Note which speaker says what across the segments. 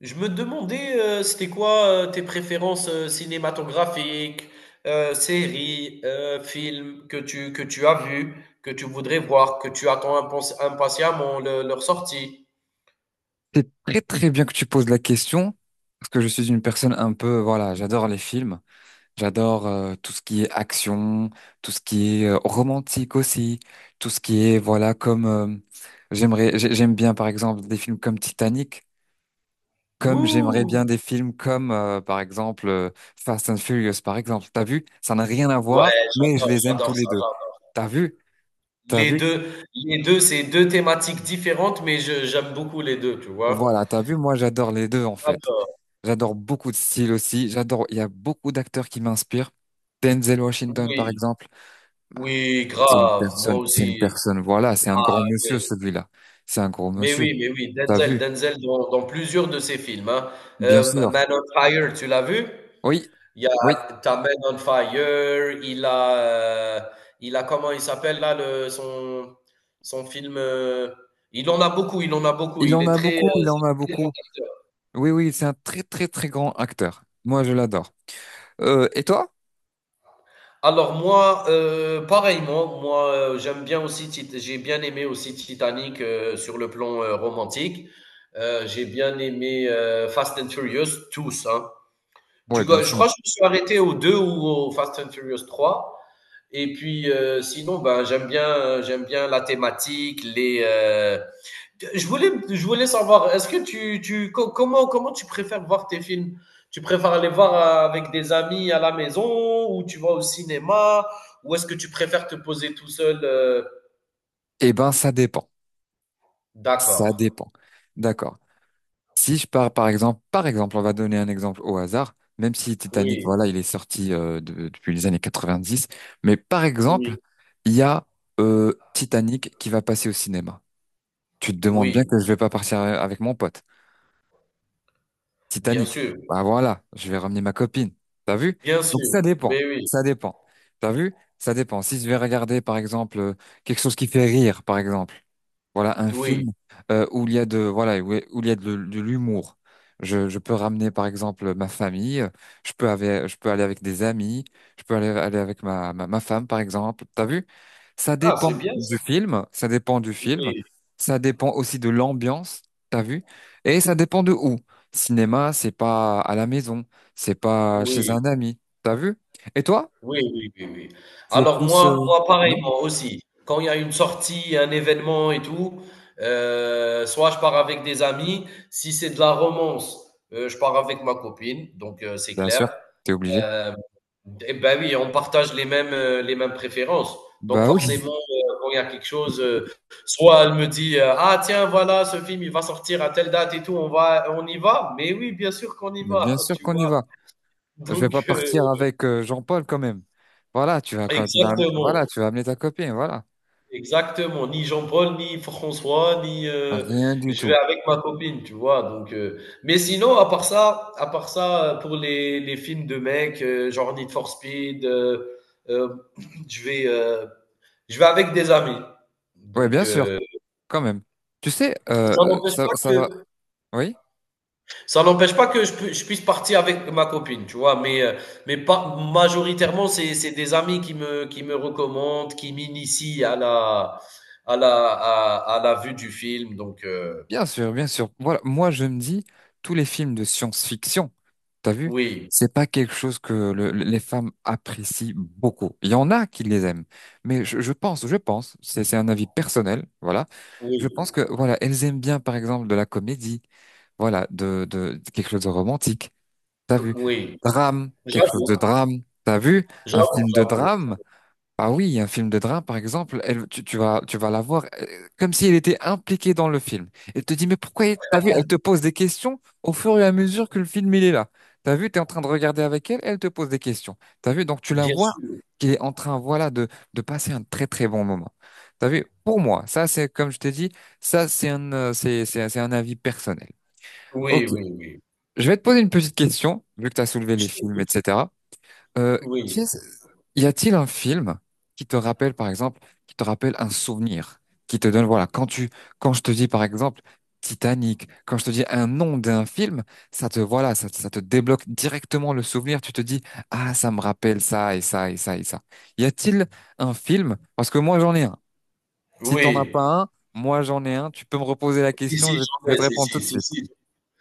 Speaker 1: Je me demandais, c'était quoi tes préférences cinématographiques, séries, films que tu as vus, que tu voudrais voir, que tu attends impatiemment leur sortie.
Speaker 2: C'est très très bien que tu poses la question, parce que je suis une personne un peu, voilà, j'adore les films, j'adore tout ce qui est action, tout ce qui est romantique aussi, tout ce qui est, voilà, comme j'aimerais, j'aime bien par exemple des films comme Titanic, comme j'aimerais
Speaker 1: Ouh!
Speaker 2: bien des films comme par exemple Fast and Furious, par exemple. T'as vu? Ça n'a rien à voir,
Speaker 1: Ouais,
Speaker 2: mais je les aime tous
Speaker 1: j'adore
Speaker 2: les
Speaker 1: ça,
Speaker 2: deux.
Speaker 1: j'adore.
Speaker 2: T'as vu? T'as vu?
Speaker 1: Les deux, c'est deux thématiques différentes, mais j'aime beaucoup les deux, tu vois.
Speaker 2: Voilà, t'as vu? Moi, j'adore les deux en fait.
Speaker 1: D'accord.
Speaker 2: J'adore beaucoup de styles aussi. J'adore, il y a beaucoup d'acteurs qui m'inspirent. Denzel Washington, par
Speaker 1: Oui,
Speaker 2: exemple,
Speaker 1: oui, grave, moi
Speaker 2: c'est une
Speaker 1: aussi.
Speaker 2: personne, voilà, c'est un grand
Speaker 1: Ah,
Speaker 2: monsieur,
Speaker 1: oui.
Speaker 2: celui-là. C'est un grand
Speaker 1: Mais
Speaker 2: monsieur.
Speaker 1: oui, mais oui,
Speaker 2: T'as
Speaker 1: Denzel,
Speaker 2: vu?
Speaker 1: Denzel dans plusieurs de ses films, hein.
Speaker 2: Bien sûr.
Speaker 1: Man on Fire, tu l'as vu?
Speaker 2: Oui,
Speaker 1: Il y
Speaker 2: oui,
Speaker 1: a t'as Man on Fire, euh, il a comment il s'appelle là le son film. Il en a beaucoup, il en a beaucoup.
Speaker 2: il
Speaker 1: Il
Speaker 2: en
Speaker 1: est
Speaker 2: a
Speaker 1: très,
Speaker 2: beaucoup, il en
Speaker 1: c'est
Speaker 2: a
Speaker 1: un très grand
Speaker 2: beaucoup.
Speaker 1: acteur.
Speaker 2: Oui, oui, c'est un très, très, très grand acteur. Moi, je l'adore. Et toi?
Speaker 1: Alors moi, pareillement, moi j'aime bien aussi, j'ai bien aimé aussi Titanic sur le plan romantique. J'ai bien aimé Fast and Furious, tous, hein.
Speaker 2: Ouais, bien
Speaker 1: Je
Speaker 2: sûr.
Speaker 1: crois que je me suis arrêté au 2 ou au Fast and Furious trois. Et puis, sinon, ben, j'aime bien la thématique, les. Je voulais, je voulais savoir, est-ce que comment, comment tu préfères voir tes films? Tu préfères aller voir avec des amis à la maison ou tu vas au cinéma ou est-ce que tu préfères te poser tout seul?
Speaker 2: Eh ben, ça dépend.
Speaker 1: D'accord.
Speaker 2: Ça dépend. D'accord. Si je pars, par exemple, on va donner un exemple au hasard, même si Titanic,
Speaker 1: Oui,
Speaker 2: voilà, il est sorti depuis les années 90. Mais par exemple,
Speaker 1: oui,
Speaker 2: il y a Titanic qui va passer au cinéma. Tu te demandes bien
Speaker 1: oui,
Speaker 2: que je vais pas partir avec mon pote.
Speaker 1: bien
Speaker 2: Titanic.
Speaker 1: sûr,
Speaker 2: Bah voilà, je vais ramener ma copine. T'as vu?
Speaker 1: bien sûr.
Speaker 2: Donc ça dépend.
Speaker 1: Mais oui,
Speaker 2: Ça dépend. T'as vu? Ça dépend. Si je vais regarder, par exemple, quelque chose qui fait rire, par exemple. Voilà un
Speaker 1: oui.
Speaker 2: film où il y a de voilà où il y a de l'humour. Je peux ramener par exemple ma famille, je peux aller avec des amis, je peux aller, aller avec ma femme par exemple. T'as vu? Ça
Speaker 1: Ah,
Speaker 2: dépend
Speaker 1: c'est bien ça.
Speaker 2: du film, ça dépend du film,
Speaker 1: Oui,
Speaker 2: ça dépend aussi de l'ambiance. T'as vu? Et ça dépend de où. Cinéma, c'est pas à la maison, c'est pas chez
Speaker 1: oui.
Speaker 2: un ami. T'as vu? Et toi?
Speaker 1: Oui, oui, oui, oui.
Speaker 2: Tu es
Speaker 1: Alors
Speaker 2: plus
Speaker 1: moi moi
Speaker 2: oui,
Speaker 1: pareil, moi aussi. Quand il y a une sortie, un événement et tout, soit je pars avec des amis, si c'est de la romance, je pars avec ma copine, donc c'est
Speaker 2: bien sûr,
Speaker 1: clair.
Speaker 2: t'es obligé.
Speaker 1: Hem, et ben oui, on partage les mêmes préférences. Donc
Speaker 2: Bah oui,
Speaker 1: forcément, quand il y a quelque chose, soit elle me dit, «Ah tiens, voilà, ce film, il va sortir à telle date et tout, on y va?» Mais oui, bien sûr qu'on y
Speaker 2: mais bien
Speaker 1: va,
Speaker 2: sûr
Speaker 1: tu
Speaker 2: qu'on y va.
Speaker 1: vois?
Speaker 2: Je vais
Speaker 1: Donc
Speaker 2: pas partir avec Jean-Paul quand même. Voilà, tu vas quand tu vas, voilà,
Speaker 1: exactement.
Speaker 2: tu vas amener ta copine, voilà.
Speaker 1: Exactement, ni Jean-Paul, ni François, ni
Speaker 2: Rien du
Speaker 1: je vais
Speaker 2: tout.
Speaker 1: avec ma copine, tu vois? Donc mais sinon, à part ça, pour les films de mecs, genre Need for Speed, hem, je vais, heu, je vais avec des amis.
Speaker 2: Ouais,
Speaker 1: Donc
Speaker 2: bien sûr, quand même. Tu sais,
Speaker 1: ça n'empêche pas
Speaker 2: ça va.
Speaker 1: que
Speaker 2: Oui,
Speaker 1: ça n'empêche pas que je puisse partir avec ma copine, tu vois, mais pas, majoritairement, c'est des amis qui me recommandent, qui m'initient à la, à la vue du film. Donc,
Speaker 2: bien sûr, bien sûr. Voilà, moi je me dis, tous les films de science-fiction, t'as vu,
Speaker 1: oui,
Speaker 2: c'est pas quelque chose que les femmes apprécient beaucoup. Il y en a qui les aiment, mais je pense, c'est un avis personnel, voilà. Je
Speaker 1: oui,
Speaker 2: pense que voilà, elles aiment bien, par exemple, de la comédie, voilà, de quelque chose de romantique. T'as vu?
Speaker 1: oui.
Speaker 2: Drame, quelque chose
Speaker 1: J'avoue,
Speaker 2: de drame. T'as vu? Un
Speaker 1: j'avoue,
Speaker 2: film de
Speaker 1: j'avoue.
Speaker 2: drame? Ah oui, un film de drame, par exemple, tu vas la voir comme si elle était impliquée dans le film. Elle te dit, mais pourquoi, t'as vu? Elle te pose des questions au fur et à mesure que le film, il est là. T'as vu? T'es en train de regarder avec elle, elle te pose des questions. T'as vu? Donc, tu la
Speaker 1: Bien
Speaker 2: vois
Speaker 1: sûr.
Speaker 2: qui est en train, voilà, de passer un très, très bon moment. T'as vu? Pour moi, ça, c'est, comme je t'ai dit, ça, c'est un avis personnel.
Speaker 1: Oui,
Speaker 2: Ok.
Speaker 1: oui, oui.
Speaker 2: Je vais te poser une petite question, vu que tu as soulevé
Speaker 1: Je
Speaker 2: les films,
Speaker 1: t'écoute.
Speaker 2: etc. Euh,
Speaker 1: Oui,
Speaker 2: qu'est-ce- y a-t-il un film qui te rappelle, par exemple, qui te rappelle un souvenir, qui te donne, voilà, quand tu, quand je te dis, par exemple, Titanic, quand je te dis un nom d'un film, ça te, voilà, ça te débloque directement le souvenir. Tu te dis, ah, ça me rappelle ça et ça et ça et ça. Y a-t-il un film? Parce que moi, j'en ai un. Si t'en as pas
Speaker 1: oui.
Speaker 2: un, moi, j'en ai un. Tu peux me reposer la
Speaker 1: Si,
Speaker 2: question,
Speaker 1: si,
Speaker 2: je
Speaker 1: j'en
Speaker 2: vais
Speaker 1: ai,
Speaker 2: te
Speaker 1: si,
Speaker 2: répondre tout
Speaker 1: si,
Speaker 2: de
Speaker 1: si,
Speaker 2: suite.
Speaker 1: si,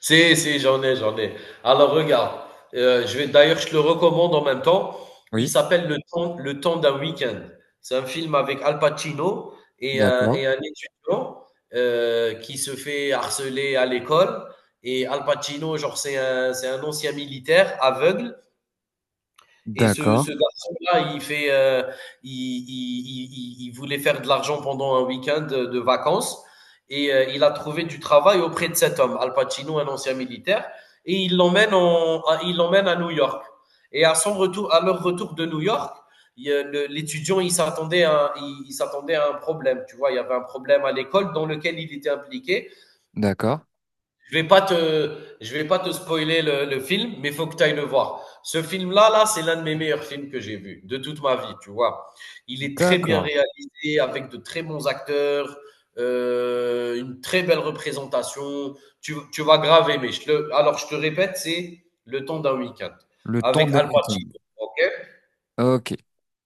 Speaker 1: si, si, j'en ai, j'en ai. Alors regarde, je vais d'ailleurs, je te le recommande en même temps. Il
Speaker 2: Oui,
Speaker 1: s'appelle Le temps d'un week-end. C'est un film avec Al Pacino et
Speaker 2: d'accord,
Speaker 1: et un étudiant qui se fait harceler à l'école. Et Al Pacino, genre, c'est un ancien militaire aveugle et
Speaker 2: d'accord,
Speaker 1: ce garçon-là, il, fait, il, il voulait faire de l'argent pendant un week-end de vacances et il a trouvé du travail auprès de cet homme, Al Pacino, un ancien militaire, et il l'emmène à New York. Et à son retour, à leur retour de New York, l'étudiant, il s'attendait à un problème, tu vois, il y avait un problème à l'école dans lequel il était impliqué.
Speaker 2: d'accord.
Speaker 1: Je vais pas te spoiler le film, mais il faut que tu ailles le voir. Ce là, c'est l'un de mes meilleurs films que j'ai vu de toute ma vie, tu vois. Il est très bien
Speaker 2: D'accord.
Speaker 1: réalisé, avec de très bons acteurs, une très belle représentation. Tu vas grave aimer. Alors, je te répète, c'est Le temps d'un week-end
Speaker 2: Le thon
Speaker 1: avec Al
Speaker 2: d'Aricagne.
Speaker 1: Pacino. Ok,
Speaker 2: Ok,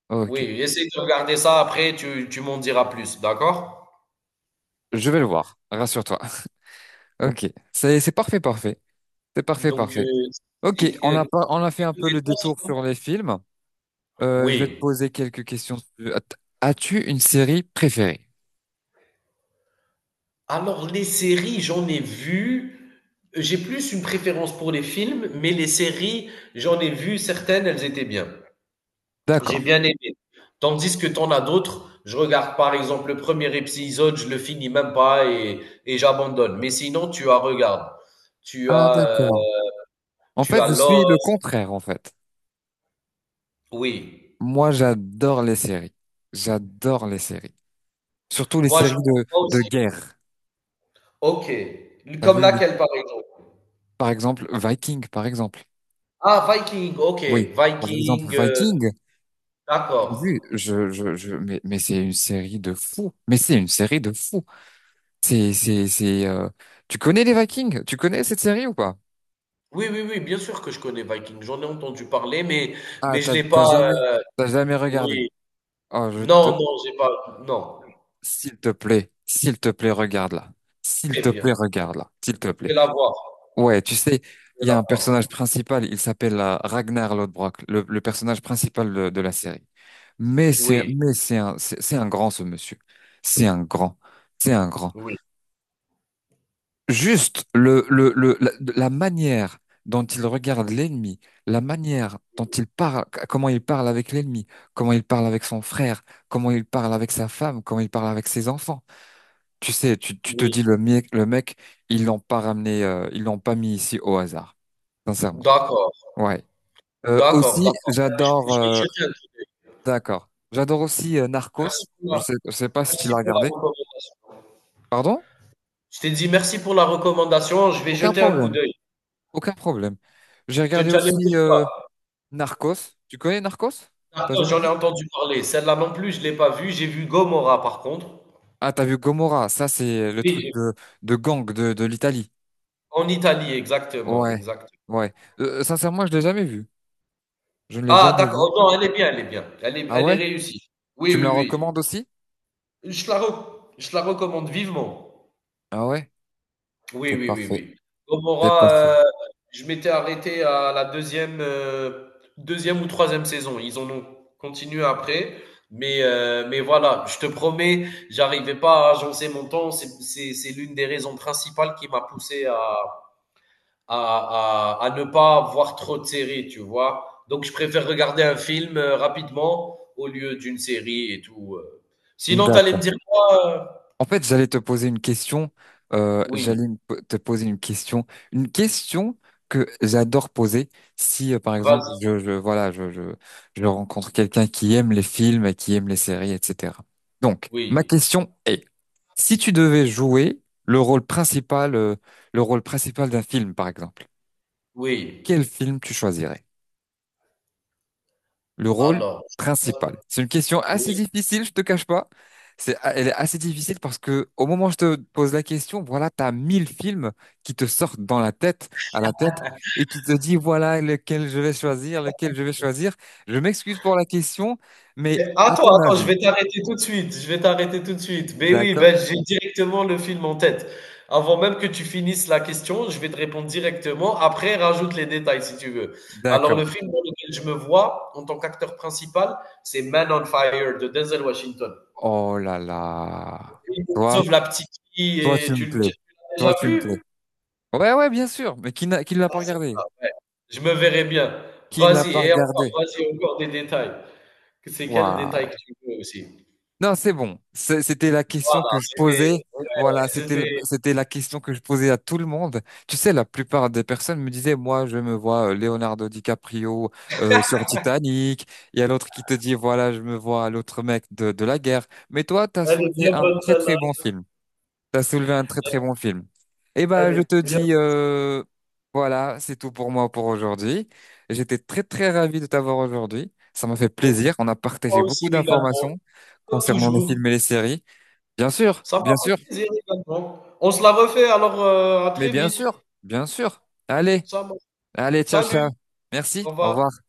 Speaker 2: ok.
Speaker 1: oui, essaye de regarder ça après, tu m'en diras plus, d'accord?
Speaker 2: Je vais le voir. Rassure-toi. Ok. C'est parfait, parfait. C'est parfait,
Speaker 1: Donc,
Speaker 2: parfait. Ok,
Speaker 1: c'est-
Speaker 2: on
Speaker 1: euh,
Speaker 2: a pas, on a fait un
Speaker 1: et-
Speaker 2: peu
Speaker 1: et
Speaker 2: le détour sur les films. Je vais te
Speaker 1: oui.
Speaker 2: poser quelques questions. As-tu une série préférée?
Speaker 1: Alors, les séries, j'en ai vu. J'ai plus une préférence pour les films, mais les séries, j'en ai vu certaines, elles étaient bien. J'ai
Speaker 2: D'accord.
Speaker 1: bien aimé. Tandis que t'en as d'autres, je regarde par exemple le premier épisode, je le finis même pas et, et j'abandonne. Mais sinon, tu as regarde. Tu
Speaker 2: Ah,
Speaker 1: as, euh,
Speaker 2: d'accord. En
Speaker 1: tu
Speaker 2: fait,
Speaker 1: as
Speaker 2: je suis le
Speaker 1: Lost.
Speaker 2: contraire, en fait.
Speaker 1: Oui.
Speaker 2: Moi, j'adore les séries. J'adore les séries. Surtout les
Speaker 1: Moi, je
Speaker 2: séries
Speaker 1: moi
Speaker 2: de
Speaker 1: aussi.
Speaker 2: guerre.
Speaker 1: Ok.
Speaker 2: T'as
Speaker 1: Comme
Speaker 2: vu,
Speaker 1: laquelle, par exemple?
Speaker 2: par exemple, Viking, par exemple.
Speaker 1: Ah, Viking. Ok.
Speaker 2: Oui. Par exemple,
Speaker 1: Viking.
Speaker 2: Viking.
Speaker 1: D'accord.
Speaker 2: Oui, mais c'est une série de fous. Mais c'est une série de fous. C'est, c'est, c'est, euh, Tu connais les Vikings? Tu connais cette série ou pas?
Speaker 1: Oui, oui, oui, bien sûr que je connais Viking. J'en ai entendu parler,
Speaker 2: Ah,
Speaker 1: mais je
Speaker 2: t'as,
Speaker 1: l'ai
Speaker 2: t'as
Speaker 1: pas.
Speaker 2: jamais, t'as jamais regardé.
Speaker 1: Oui.
Speaker 2: Oh,
Speaker 1: Non, non, j'ai pas. Non.
Speaker 2: s'il te plaît, regarde-la. S'il
Speaker 1: Très
Speaker 2: te plaît,
Speaker 1: bien.
Speaker 2: regarde-la. S'il te
Speaker 1: Je
Speaker 2: plaît.
Speaker 1: vais la voir.
Speaker 2: Ouais, tu sais,
Speaker 1: Je vais
Speaker 2: il y
Speaker 1: la
Speaker 2: a un personnage
Speaker 1: voir.
Speaker 2: principal, il s'appelle Ragnar Lodbrok, le personnage principal de la série.
Speaker 1: Oui,
Speaker 2: Mais c'est un, c'est un grand, ce monsieur. C'est un grand. C'est un grand.
Speaker 1: oui,
Speaker 2: Juste la manière dont il regarde l'ennemi, la manière dont il parle, comment il parle avec l'ennemi, comment il parle avec son frère, comment il parle avec sa femme, comment il parle avec ses enfants. Tu sais, tu te
Speaker 1: oui.
Speaker 2: dis le mec, ils l'ont pas ramené, ils l'ont pas mis ici au hasard, sincèrement.
Speaker 1: D'accord,
Speaker 2: Ouais.
Speaker 1: d'accord,
Speaker 2: Aussi,
Speaker 1: d'accord. Je vais,
Speaker 2: j'adore.
Speaker 1: je vais y jeter un coup d'œil.
Speaker 2: D'accord. J'adore aussi
Speaker 1: Merci
Speaker 2: Narcos.
Speaker 1: pour la,
Speaker 2: Je sais pas si tu
Speaker 1: merci
Speaker 2: l'as
Speaker 1: pour la
Speaker 2: regardé.
Speaker 1: recommandation.
Speaker 2: Pardon?
Speaker 1: Je t'ai dit merci pour la recommandation. Je vais
Speaker 2: Aucun
Speaker 1: jeter un coup
Speaker 2: problème.
Speaker 1: d'œil.
Speaker 2: Aucun problème. J'ai
Speaker 1: Tu,
Speaker 2: regardé
Speaker 1: tu allais me
Speaker 2: aussi.
Speaker 1: dire quoi?
Speaker 2: Narcos. Tu connais Narcos? T'as
Speaker 1: D'accord,
Speaker 2: jamais
Speaker 1: j'en ai
Speaker 2: vu?
Speaker 1: entendu parler. Celle-là non plus, je l'ai pas vue. J'ai vu Gomorra par contre.
Speaker 2: Ah, t'as vu Gomorra. Ça, c'est le
Speaker 1: Oui,
Speaker 2: truc
Speaker 1: j'ai-
Speaker 2: de gang de l'Italie.
Speaker 1: en Italie, exactement,
Speaker 2: Ouais,
Speaker 1: exactement.
Speaker 2: ouais. Sincèrement, je l'ai jamais vu. Je ne l'ai
Speaker 1: Ah,
Speaker 2: jamais vu.
Speaker 1: d'accord. Oh, non, elle est bien, elle est bien.
Speaker 2: Ah
Speaker 1: Elle est
Speaker 2: ouais?
Speaker 1: réussie. Oui,
Speaker 2: Tu me la
Speaker 1: oui,
Speaker 2: recommandes aussi?
Speaker 1: oui. Je la recommande vivement.
Speaker 2: Ah ouais?
Speaker 1: Oui,
Speaker 2: T'es
Speaker 1: oui, oui,
Speaker 2: parfait.
Speaker 1: oui.
Speaker 2: T'es
Speaker 1: Gomorrah,
Speaker 2: parfait.
Speaker 1: je m'étais arrêté à la deuxième, deuxième ou troisième saison. Ils en ont continué après. Mais voilà, je te promets, j'arrivais pas à agencer mon temps. C'est l'une des raisons principales qui m'a poussé à ne pas voir trop de séries, tu vois. Donc, je préfère regarder un film rapidement au lieu d'une série et tout. Sinon, tu allais
Speaker 2: D'accord.
Speaker 1: me dire quoi? euh
Speaker 2: En fait, j'allais te poser une question.
Speaker 1: Oui,
Speaker 2: Te poser une question que j'adore poser. Si, par exemple,
Speaker 1: vas-y,
Speaker 2: je rencontre quelqu'un qui aime les films et qui aime les séries, etc. Donc, ma
Speaker 1: oui,
Speaker 2: question est, si tu devais jouer le rôle principal, euh, le rôle principal d'un film, par exemple,
Speaker 1: oui.
Speaker 2: quel film tu choisirais? Le rôle
Speaker 1: Alors,
Speaker 2: principal? C'est une question assez
Speaker 1: oui.
Speaker 2: difficile, je te cache pas. C'est, ah, elle est assez difficile parce que au moment où je te pose la question, voilà, t'as mille films qui te sortent dans la tête, à la tête, et tu te dis, voilà, lequel je vais choisir, lequel je vais choisir. Je m'excuse pour la question, mais
Speaker 1: Mais
Speaker 2: à
Speaker 1: attends,
Speaker 2: ton
Speaker 1: attends, je
Speaker 2: avis,
Speaker 1: vais t'arrêter tout de suite. Je vais t'arrêter tout de suite. Mais oui,
Speaker 2: d'accord?
Speaker 1: ben, j'ai directement le film en tête. Avant même que tu finisses la question, je vais te répondre directement. Après, rajoute les détails si tu veux. Alors,
Speaker 2: D'accord.
Speaker 1: le film dans lequel je me vois en tant qu'acteur principal, c'est Man on Fire de Denzel Washington.
Speaker 2: Oh là là.
Speaker 1: Il
Speaker 2: Toi,
Speaker 1: sauve la petite fille
Speaker 2: toi, tu
Speaker 1: et
Speaker 2: me
Speaker 1: tu,
Speaker 2: plais.
Speaker 1: tu l'as
Speaker 2: Toi,
Speaker 1: déjà
Speaker 2: tu me plais.
Speaker 1: vu?
Speaker 2: Ouais, ouais, bien sûr. Mais qui n'a, qui ne l'a pas
Speaker 1: Vas-y.
Speaker 2: regardé?
Speaker 1: Je me verrai bien.
Speaker 2: Qui ne l'a
Speaker 1: Vas-y,
Speaker 2: pas
Speaker 1: et encore,
Speaker 2: regardé?
Speaker 1: vas-y, encore des détails. C'est quel détail
Speaker 2: Waouh.
Speaker 1: que tu veux aussi?
Speaker 2: Non, c'est bon. C'était la question
Speaker 1: Voilà,
Speaker 2: que je posais.
Speaker 1: c'était, ouais,
Speaker 2: Voilà, c'était,
Speaker 1: c'était
Speaker 2: c'était la question que je posais à tout le monde. Tu sais, la plupart des personnes me disaient, moi, je me vois Leonardo DiCaprio sur Titanic. Il y a l'autre qui te dit, voilà, je me vois l'autre mec de la guerre. Mais toi, t'as
Speaker 1: Elle est
Speaker 2: soulevé
Speaker 1: bien
Speaker 2: un
Speaker 1: bonne
Speaker 2: très, très
Speaker 1: celle-là.
Speaker 2: bon film. T'as soulevé un très très bon film. Eh ben,
Speaker 1: Elle
Speaker 2: je
Speaker 1: est
Speaker 2: te
Speaker 1: bien
Speaker 2: dis, voilà, c'est tout pour moi pour aujourd'hui. J'étais très très ravi de t'avoir aujourd'hui. Ça m'a fait
Speaker 1: bonne.
Speaker 2: plaisir. On a
Speaker 1: Moi
Speaker 2: partagé beaucoup
Speaker 1: aussi également,
Speaker 2: d'informations
Speaker 1: comme
Speaker 2: concernant les
Speaker 1: toujours.
Speaker 2: films et les séries.
Speaker 1: Ça m'a
Speaker 2: Bien
Speaker 1: fait
Speaker 2: sûr,
Speaker 1: plaisir également. On se la refait, alors à
Speaker 2: mais
Speaker 1: très
Speaker 2: bien
Speaker 1: vite.
Speaker 2: sûr, bien sûr. Allez,
Speaker 1: Ça, m'a-
Speaker 2: allez, ciao,
Speaker 1: salut,
Speaker 2: ciao. Merci,
Speaker 1: au
Speaker 2: au
Speaker 1: revoir.
Speaker 2: revoir.